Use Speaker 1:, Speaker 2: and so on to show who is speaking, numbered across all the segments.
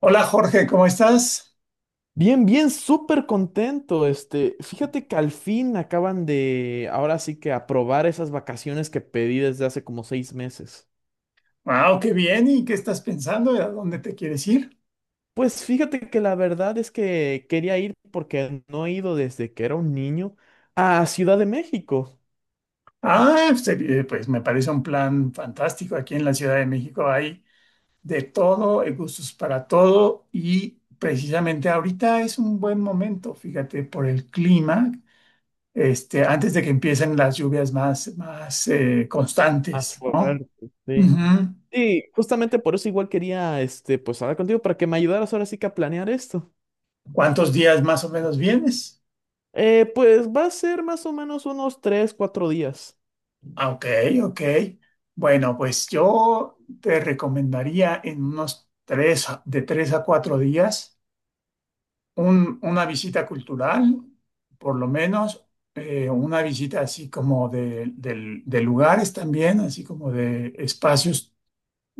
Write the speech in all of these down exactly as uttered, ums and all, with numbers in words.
Speaker 1: Hola Jorge, ¿cómo estás?
Speaker 2: Bien, bien, súper contento. Este, fíjate que al fin acaban de, ahora sí que aprobar esas vacaciones que pedí desde hace como seis meses.
Speaker 1: Wow, qué bien. ¿Y qué estás pensando? ¿A dónde te quieres ir?
Speaker 2: Pues fíjate que la verdad es que quería ir porque no he ido desde que era un niño a Ciudad de México.
Speaker 1: Ah, pues eh, pues, me parece un plan fantástico. Aquí en la Ciudad de México hay de todo, hay gustos para todo y precisamente ahorita es un buen momento, fíjate, por el clima, este, antes de que empiecen las lluvias más, más eh,
Speaker 2: Más
Speaker 1: constantes, ¿no?
Speaker 2: fuerte,
Speaker 1: Ujú.
Speaker 2: sí. Sí, justamente por eso igual quería, este, pues hablar contigo para que me ayudaras ahora sí que a planear esto.
Speaker 1: ¿Cuántos días más o menos vienes?
Speaker 2: Eh, pues va a ser más o menos unos tres, cuatro días.
Speaker 1: Ah, Ok, ok. Bueno, pues yo te recomendaría en unos tres, a- de tres a cuatro días un- una visita cultural, por lo menos eh, una visita así como de, del- de lugares también, así como de espacios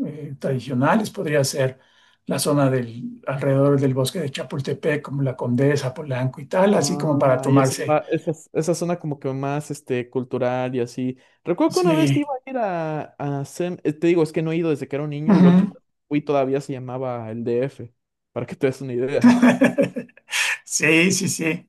Speaker 1: eh, tradicionales. Podría ser la zona del, alrededor del bosque de Chapultepec, como la Condesa, Polanco y tal, así como para
Speaker 2: Ah, y esa,
Speaker 1: tomarse.
Speaker 2: ah, esa, esa zona como que más este, cultural y así. Recuerdo que una vez iba
Speaker 1: Sí.
Speaker 2: a ir a, a Sem- eh, te digo, es que no he ido desde que era un niño; la última
Speaker 1: Ujú.
Speaker 2: vez que fui todavía se llamaba el D F, para que te des una idea.
Speaker 1: Sí, sí, sí.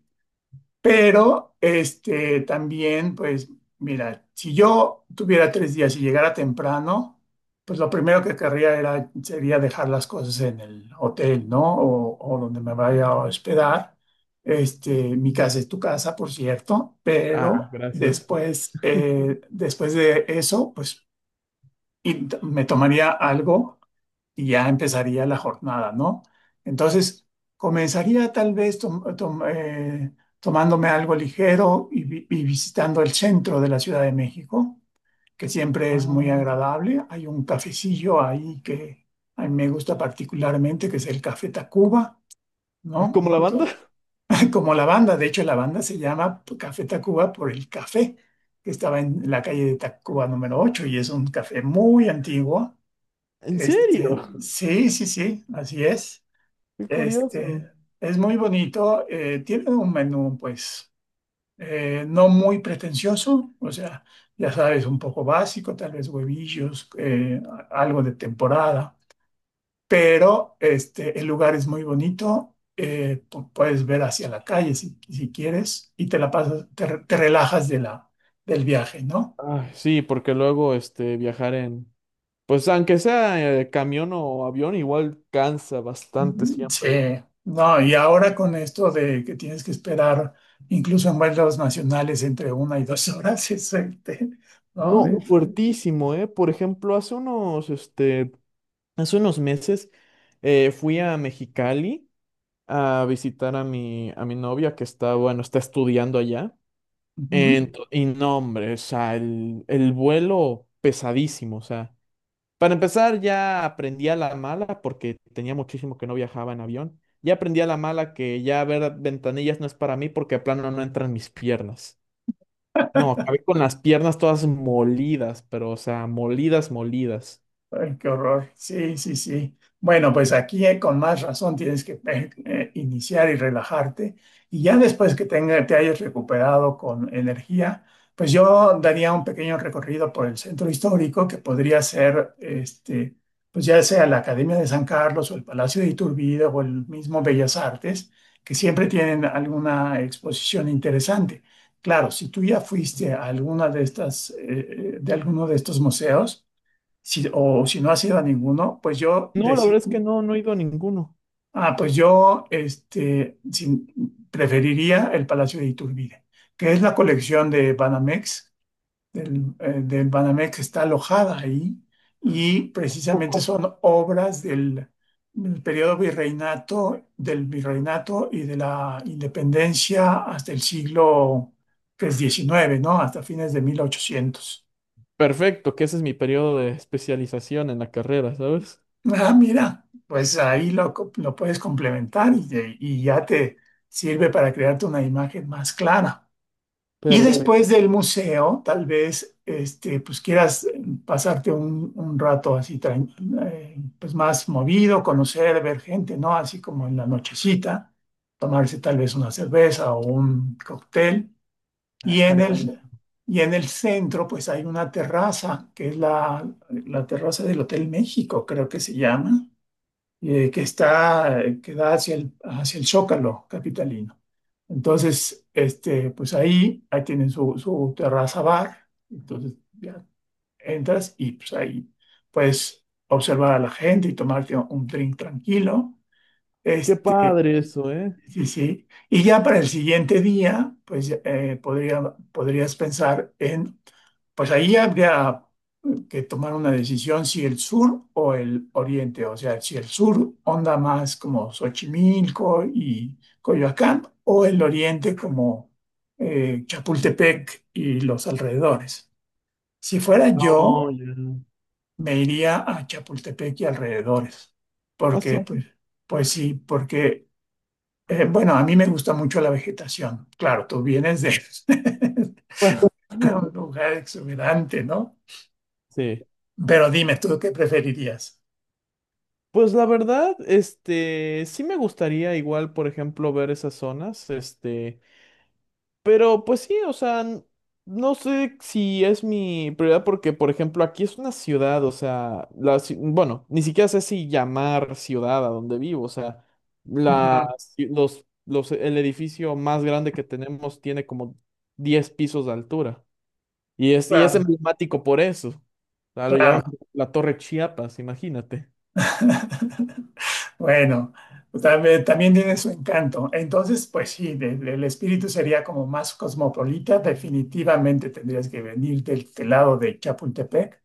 Speaker 1: Pero, este, también, pues, mira, si yo tuviera tres días y llegara temprano, pues lo primero que querría era, sería dejar las cosas en el hotel, ¿no? O, o donde me vaya a hospedar. Este, mi casa es tu casa, por cierto,
Speaker 2: Ah,
Speaker 1: pero
Speaker 2: gracias.
Speaker 1: después, eh, después de eso, pues, y t- me tomaría algo y ya empezaría la jornada, ¿no? Entonces, comenzaría tal vez tom- tom- eh, tomándome algo ligero y, vi- y visitando el centro de la Ciudad de México, que siempre es muy
Speaker 2: Ah,
Speaker 1: agradable. Hay un cafecillo ahí que a mí me gusta particularmente, que es el Café Tacuba,
Speaker 2: ¿es
Speaker 1: ¿no?
Speaker 2: como la banda?
Speaker 1: To- Como la banda, de hecho la banda se llama Café Tacuba por el café, que estaba en la calle de Tacuba número ocho y es un café muy antiguo,
Speaker 2: ¿En
Speaker 1: este,
Speaker 2: serio?
Speaker 1: sí, sí, sí, así es.
Speaker 2: Qué curioso.
Speaker 1: Este, es muy bonito. Eh, tiene un menú, pues, eh, no muy pretencioso, o sea, ya sabes, un poco básico, tal vez huevillos, eh, a- algo de temporada, pero este, el lugar es muy bonito. Eh, pu- puedes ver hacia la calle si, si quieres y te la pasas, te, re- te relajas de la, del viaje, ¿no?
Speaker 2: Ay, sí, porque luego este, viajar en, pues aunque sea eh, camión o avión, igual cansa bastante
Speaker 1: Sí,
Speaker 2: siempre.
Speaker 1: no, y ahora con esto de que tienes que esperar incluso en vuelos nacionales entre una y dos horas, es, este, ¿no? Sí.
Speaker 2: No, fuertísimo, ¿eh? Por ejemplo, hace unos, este, Hace unos meses eh, fui a Mexicali a visitar a mi, a mi novia que está, bueno, está estudiando allá.
Speaker 1: Ujú.
Speaker 2: Ento- y no, hombre, o sea, el, el vuelo pesadísimo, o sea. Para empezar, ya aprendí a la mala porque tenía muchísimo que no viajaba en avión. Ya aprendí a la mala que ya ver ventanillas no es para mí porque a plano no entran mis piernas. No, acabé con las piernas todas molidas, pero o sea, molidas, molidas.
Speaker 1: Ay, qué horror. Sí, sí, sí. Bueno, pues aquí eh, con más razón tienes que eh, eh, iniciar y relajarte. Y ya después que tenga- te hayas recuperado con energía, pues yo daría un pequeño recorrido por el centro histórico que podría ser, este, pues ya sea la Academia de San Carlos o el Palacio de Iturbide o el mismo Bellas Artes, que siempre tienen alguna exposición interesante. Claro, si tú ya fuiste a alguna de estas, eh, eh, de alguno de estos museos, si, o si no has ido a ninguno, pues yo,
Speaker 2: No, la verdad
Speaker 1: deci-
Speaker 2: es que no, no he ido a ninguno.
Speaker 1: ah, pues yo este, sin- preferiría el Palacio de Iturbide, que es la colección de Banamex. Del, eh, del Banamex está alojada ahí y precisamente
Speaker 2: Poco.
Speaker 1: son obras del, del periodo virreinato, del virreinato y de la independencia hasta el siglo, pues, diecinueve, ¿no? Hasta fines de mil ochocientos.
Speaker 2: Perfecto, que ese es mi periodo de especialización en la carrera, ¿sabes?
Speaker 1: Ah, mira, pues ahí lo, co- lo puedes complementar y, y ya te sirve para crearte una imagen más clara. Y sí,
Speaker 2: Perfecto.
Speaker 1: después del museo, tal vez este, pues quieras eh, pasarte un, un rato así tran- eh, pues más movido, conocer, ver gente, ¿no? Así como en la nochecita, tomarse tal vez una cerveza o un cóctel.
Speaker 2: Ah,
Speaker 1: Y en
Speaker 2: Estaría
Speaker 1: el,
Speaker 2: buenísimo.
Speaker 1: y en el centro, pues hay una terraza, que es la, la terraza del Hotel México, creo que se llama, eh, que está, que da hacia el, hacia el Zócalo capitalino. Entonces, este, pues ahí, ahí tienen su, su terraza bar, entonces ya entras y pues ahí puedes observar a la gente y tomarte un drink tranquilo.
Speaker 2: Qué
Speaker 1: Este,
Speaker 2: padre eso, ¿eh?
Speaker 1: sí, sí. Y ya para el siguiente día, pues eh, podría, podrías pensar en, pues ahí habría que tomar una decisión si el sur o el oriente, o sea, si el sur onda más como Xochimilco y Coyoacán, o el oriente como eh, Chapultepec y los alrededores. Si fuera
Speaker 2: No,
Speaker 1: yo,
Speaker 2: ya.
Speaker 1: me iría a Chapultepec y alrededores,
Speaker 2: Ah,
Speaker 1: porque Ok,
Speaker 2: sí.
Speaker 1: pues, pues sí, porque eh, bueno, a mí me gusta mucho la vegetación. Claro, tú vienes de
Speaker 2: Bueno,
Speaker 1: un lugar exuberante, ¿no?
Speaker 2: sí.
Speaker 1: Pero dime tú qué preferirías.
Speaker 2: Pues la verdad, este, sí me gustaría igual, por ejemplo, ver esas zonas, este. Pero pues sí, o sea, n- no sé si es mi prioridad porque, por ejemplo, aquí es una ciudad, o sea, la, ci- bueno, ni siquiera sé si llamar ciudad a donde vivo. O sea, la,
Speaker 1: Ujú,
Speaker 2: ci- los, los, el edificio más grande que tenemos tiene como diez pisos de altura y es, y es
Speaker 1: claro,
Speaker 2: emblemático por eso, o sea, lo llaman
Speaker 1: claro.
Speaker 2: la Torre Chiapas, imagínate.
Speaker 1: Bueno, también, también tiene su encanto. Entonces, pues sí, de- de- el espíritu sería como más cosmopolita. Definitivamente tendrías que venir del, del lado de Chapultepec,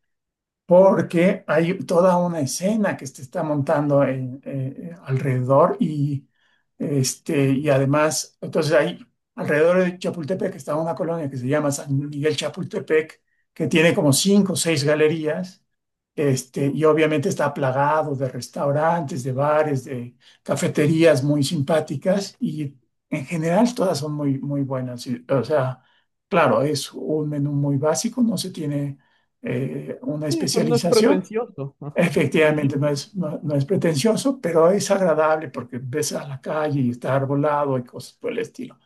Speaker 1: porque hay toda una escena que se está montando en- eh, alrededor y, este, y además, entonces hay, alrededor de Chapultepec está una colonia que se llama San Miguel Chapultepec, que tiene como cinco o seis galerías. Este, y obviamente está plagado de restaurantes, de bares, de cafeterías muy simpáticas y en general todas son muy, muy buenas. Y, o sea, claro, es un menú muy básico, no se tiene eh, una
Speaker 2: Sí, pero no es
Speaker 1: especialización.
Speaker 2: pretencioso, ajá, lo
Speaker 1: Efectivamente, no
Speaker 2: dijiste.
Speaker 1: es, no, no es pretencioso, pero es agradable porque ves a la calle y está arbolado y cosas por el estilo.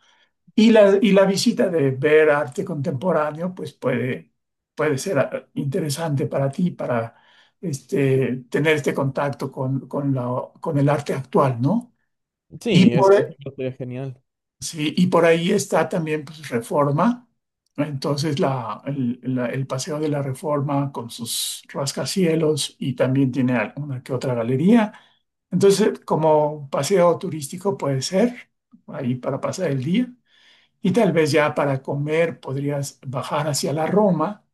Speaker 1: Y la, y la visita de ver arte contemporáneo, pues puede, puede ser, ah, interesante para ti, para, este, tener este contacto con, con, la- con el arte actual, ¿no? Y
Speaker 2: Sí, es
Speaker 1: por,
Speaker 2: genial.
Speaker 1: sí, y por ahí está también, pues, Reforma, entonces la, el, la- el Paseo de la Reforma con sus rascacielos y también tiene al- una que otra galería. Entonces, como paseo turístico puede ser, ahí para pasar el día. Y tal vez ya para comer podrías bajar hacia la Roma.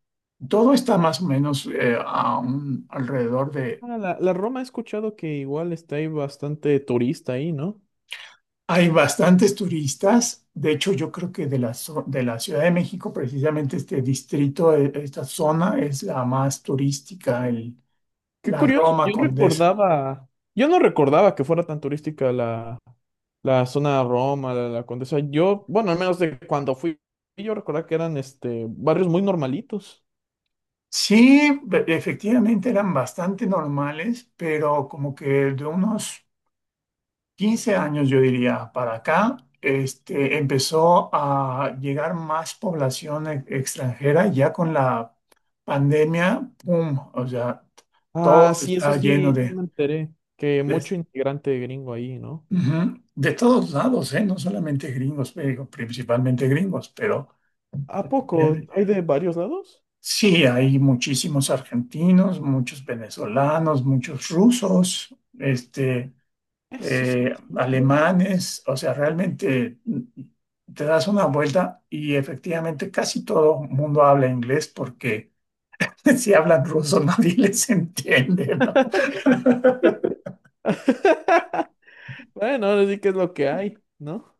Speaker 1: Todo está más o menos eh, a un- alrededor de...
Speaker 2: Ah, la, la Roma he escuchado que igual está ahí bastante turista ahí, ¿no?
Speaker 1: Hay bastantes turistas. De hecho, yo creo que de la, zo- de la Ciudad de México, precisamente este distrito, eh, esta zona es la más turística, el-
Speaker 2: Qué
Speaker 1: la
Speaker 2: curioso,
Speaker 1: Roma
Speaker 2: yo
Speaker 1: Condesa.
Speaker 2: recordaba, yo no recordaba que fuera tan turística la, la zona de Roma, la, la Condesa. Yo, bueno, al menos de cuando fui, yo recordaba que eran este barrios muy normalitos.
Speaker 1: Sí, be- efectivamente eran bastante normales, pero como que de unos quince años, yo diría, para acá, este, empezó a llegar más población e- extranjera ya con la pandemia, ¡pum! O sea,
Speaker 2: Ah,
Speaker 1: todo
Speaker 2: sí, eso
Speaker 1: está lleno
Speaker 2: sí, sí
Speaker 1: de,
Speaker 2: me enteré, que
Speaker 1: de,
Speaker 2: mucho integrante gringo ahí, ¿no?
Speaker 1: Ujú. De todos lados, ¿eh? No solamente gringos, pero principalmente gringos, pero
Speaker 2: ¿A poco?
Speaker 1: efectivamente,
Speaker 2: ¿Hay de varios lados?
Speaker 1: sí, hay muchísimos argentinos, muchos venezolanos, muchos rusos, este
Speaker 2: Eso sí,
Speaker 1: eh,
Speaker 2: mira qué curioso.
Speaker 1: alemanes, o sea, realmente mm, te das una vuelta y efectivamente casi todo el mundo habla inglés porque si hablan ruso nadie les entiende, ¿no?
Speaker 2: Bueno, ahora sí que es lo que hay, ¿no?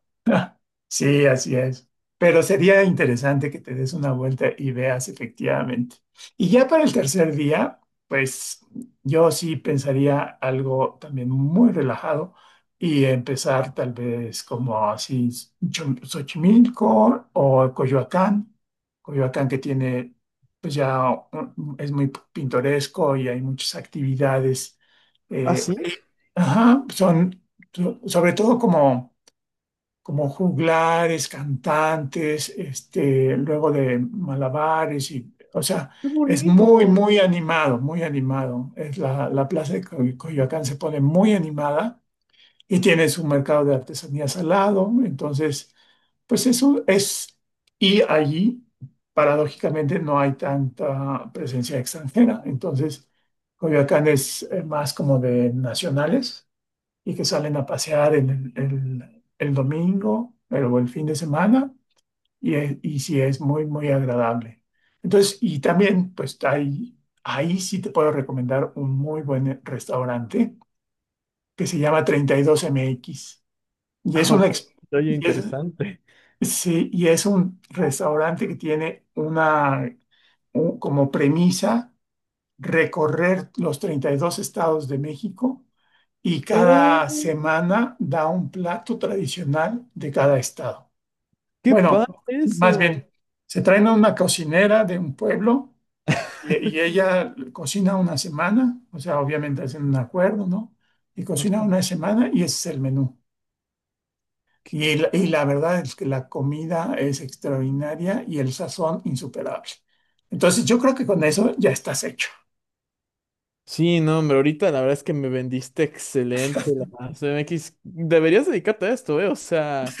Speaker 1: Sí, así es. Pero sería interesante que te des una vuelta y veas efectivamente. Y ya para el tercer día, pues yo sí pensaría algo también muy relajado y empezar tal vez como así Cho- Xochimilco o Coyoacán. Coyoacán que tiene, pues ya un- es muy pintoresco y hay muchas actividades
Speaker 2: ¿Ah,
Speaker 1: eh,
Speaker 2: sí?
Speaker 1: ahí. Ajá, son so- sobre todo como como juglares, cantantes, este, luego de malabares y, o sea,
Speaker 2: ¡Qué
Speaker 1: es muy,
Speaker 2: bonito!
Speaker 1: muy animado, muy animado. Es la, la plaza de Coy- Coyoacán se pone muy animada y tiene su mercado de artesanías al lado. Entonces, pues eso es, y allí, paradójicamente, no hay tanta presencia extranjera. Entonces, Coyoacán es eh, más como de nacionales y que salen a pasear el, el- el domingo el- o el fin de semana y, es- y sí es muy, muy agradable. Entonces, y también, pues hay, ahí sí te puedo recomendar un muy buen restaurante que se llama treinta y dos M X y es
Speaker 2: Ah,
Speaker 1: una,
Speaker 2: ok.
Speaker 1: ex-
Speaker 2: Oye,
Speaker 1: y es,
Speaker 2: interesante.
Speaker 1: sí, y es un restaurante que tiene una, un- como premisa recorrer los treinta y dos estados de México y
Speaker 2: ¡Oh!
Speaker 1: cada semana da un plato tradicional de cada estado.
Speaker 2: ¡Qué padre
Speaker 1: Bueno, más
Speaker 2: eso!
Speaker 1: bien, se traen a una cocinera de un pueblo y, y ella cocina una semana, o sea, obviamente hacen un acuerdo, ¿no? Y
Speaker 2: Ah,
Speaker 1: cocina una semana y ese es el menú.
Speaker 2: qué- qué
Speaker 1: Y, la-
Speaker 2: co-
Speaker 1: y la verdad es que la comida es extraordinaria y el sazón insuperable. Entonces yo creo que con eso ya estás hecho.
Speaker 2: Sí, no, hombre, ahorita la verdad es que me vendiste excelente la C M X. Deberías dedicarte a esto, ¿eh? O sea,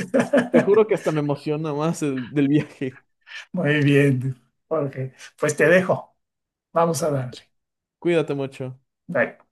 Speaker 2: te juro que hasta me emociona más el- del viaje.
Speaker 1: Muy bien, Jorge. Pues te dejo. Vamos a darle.
Speaker 2: Cuídate mucho.
Speaker 1: Bye.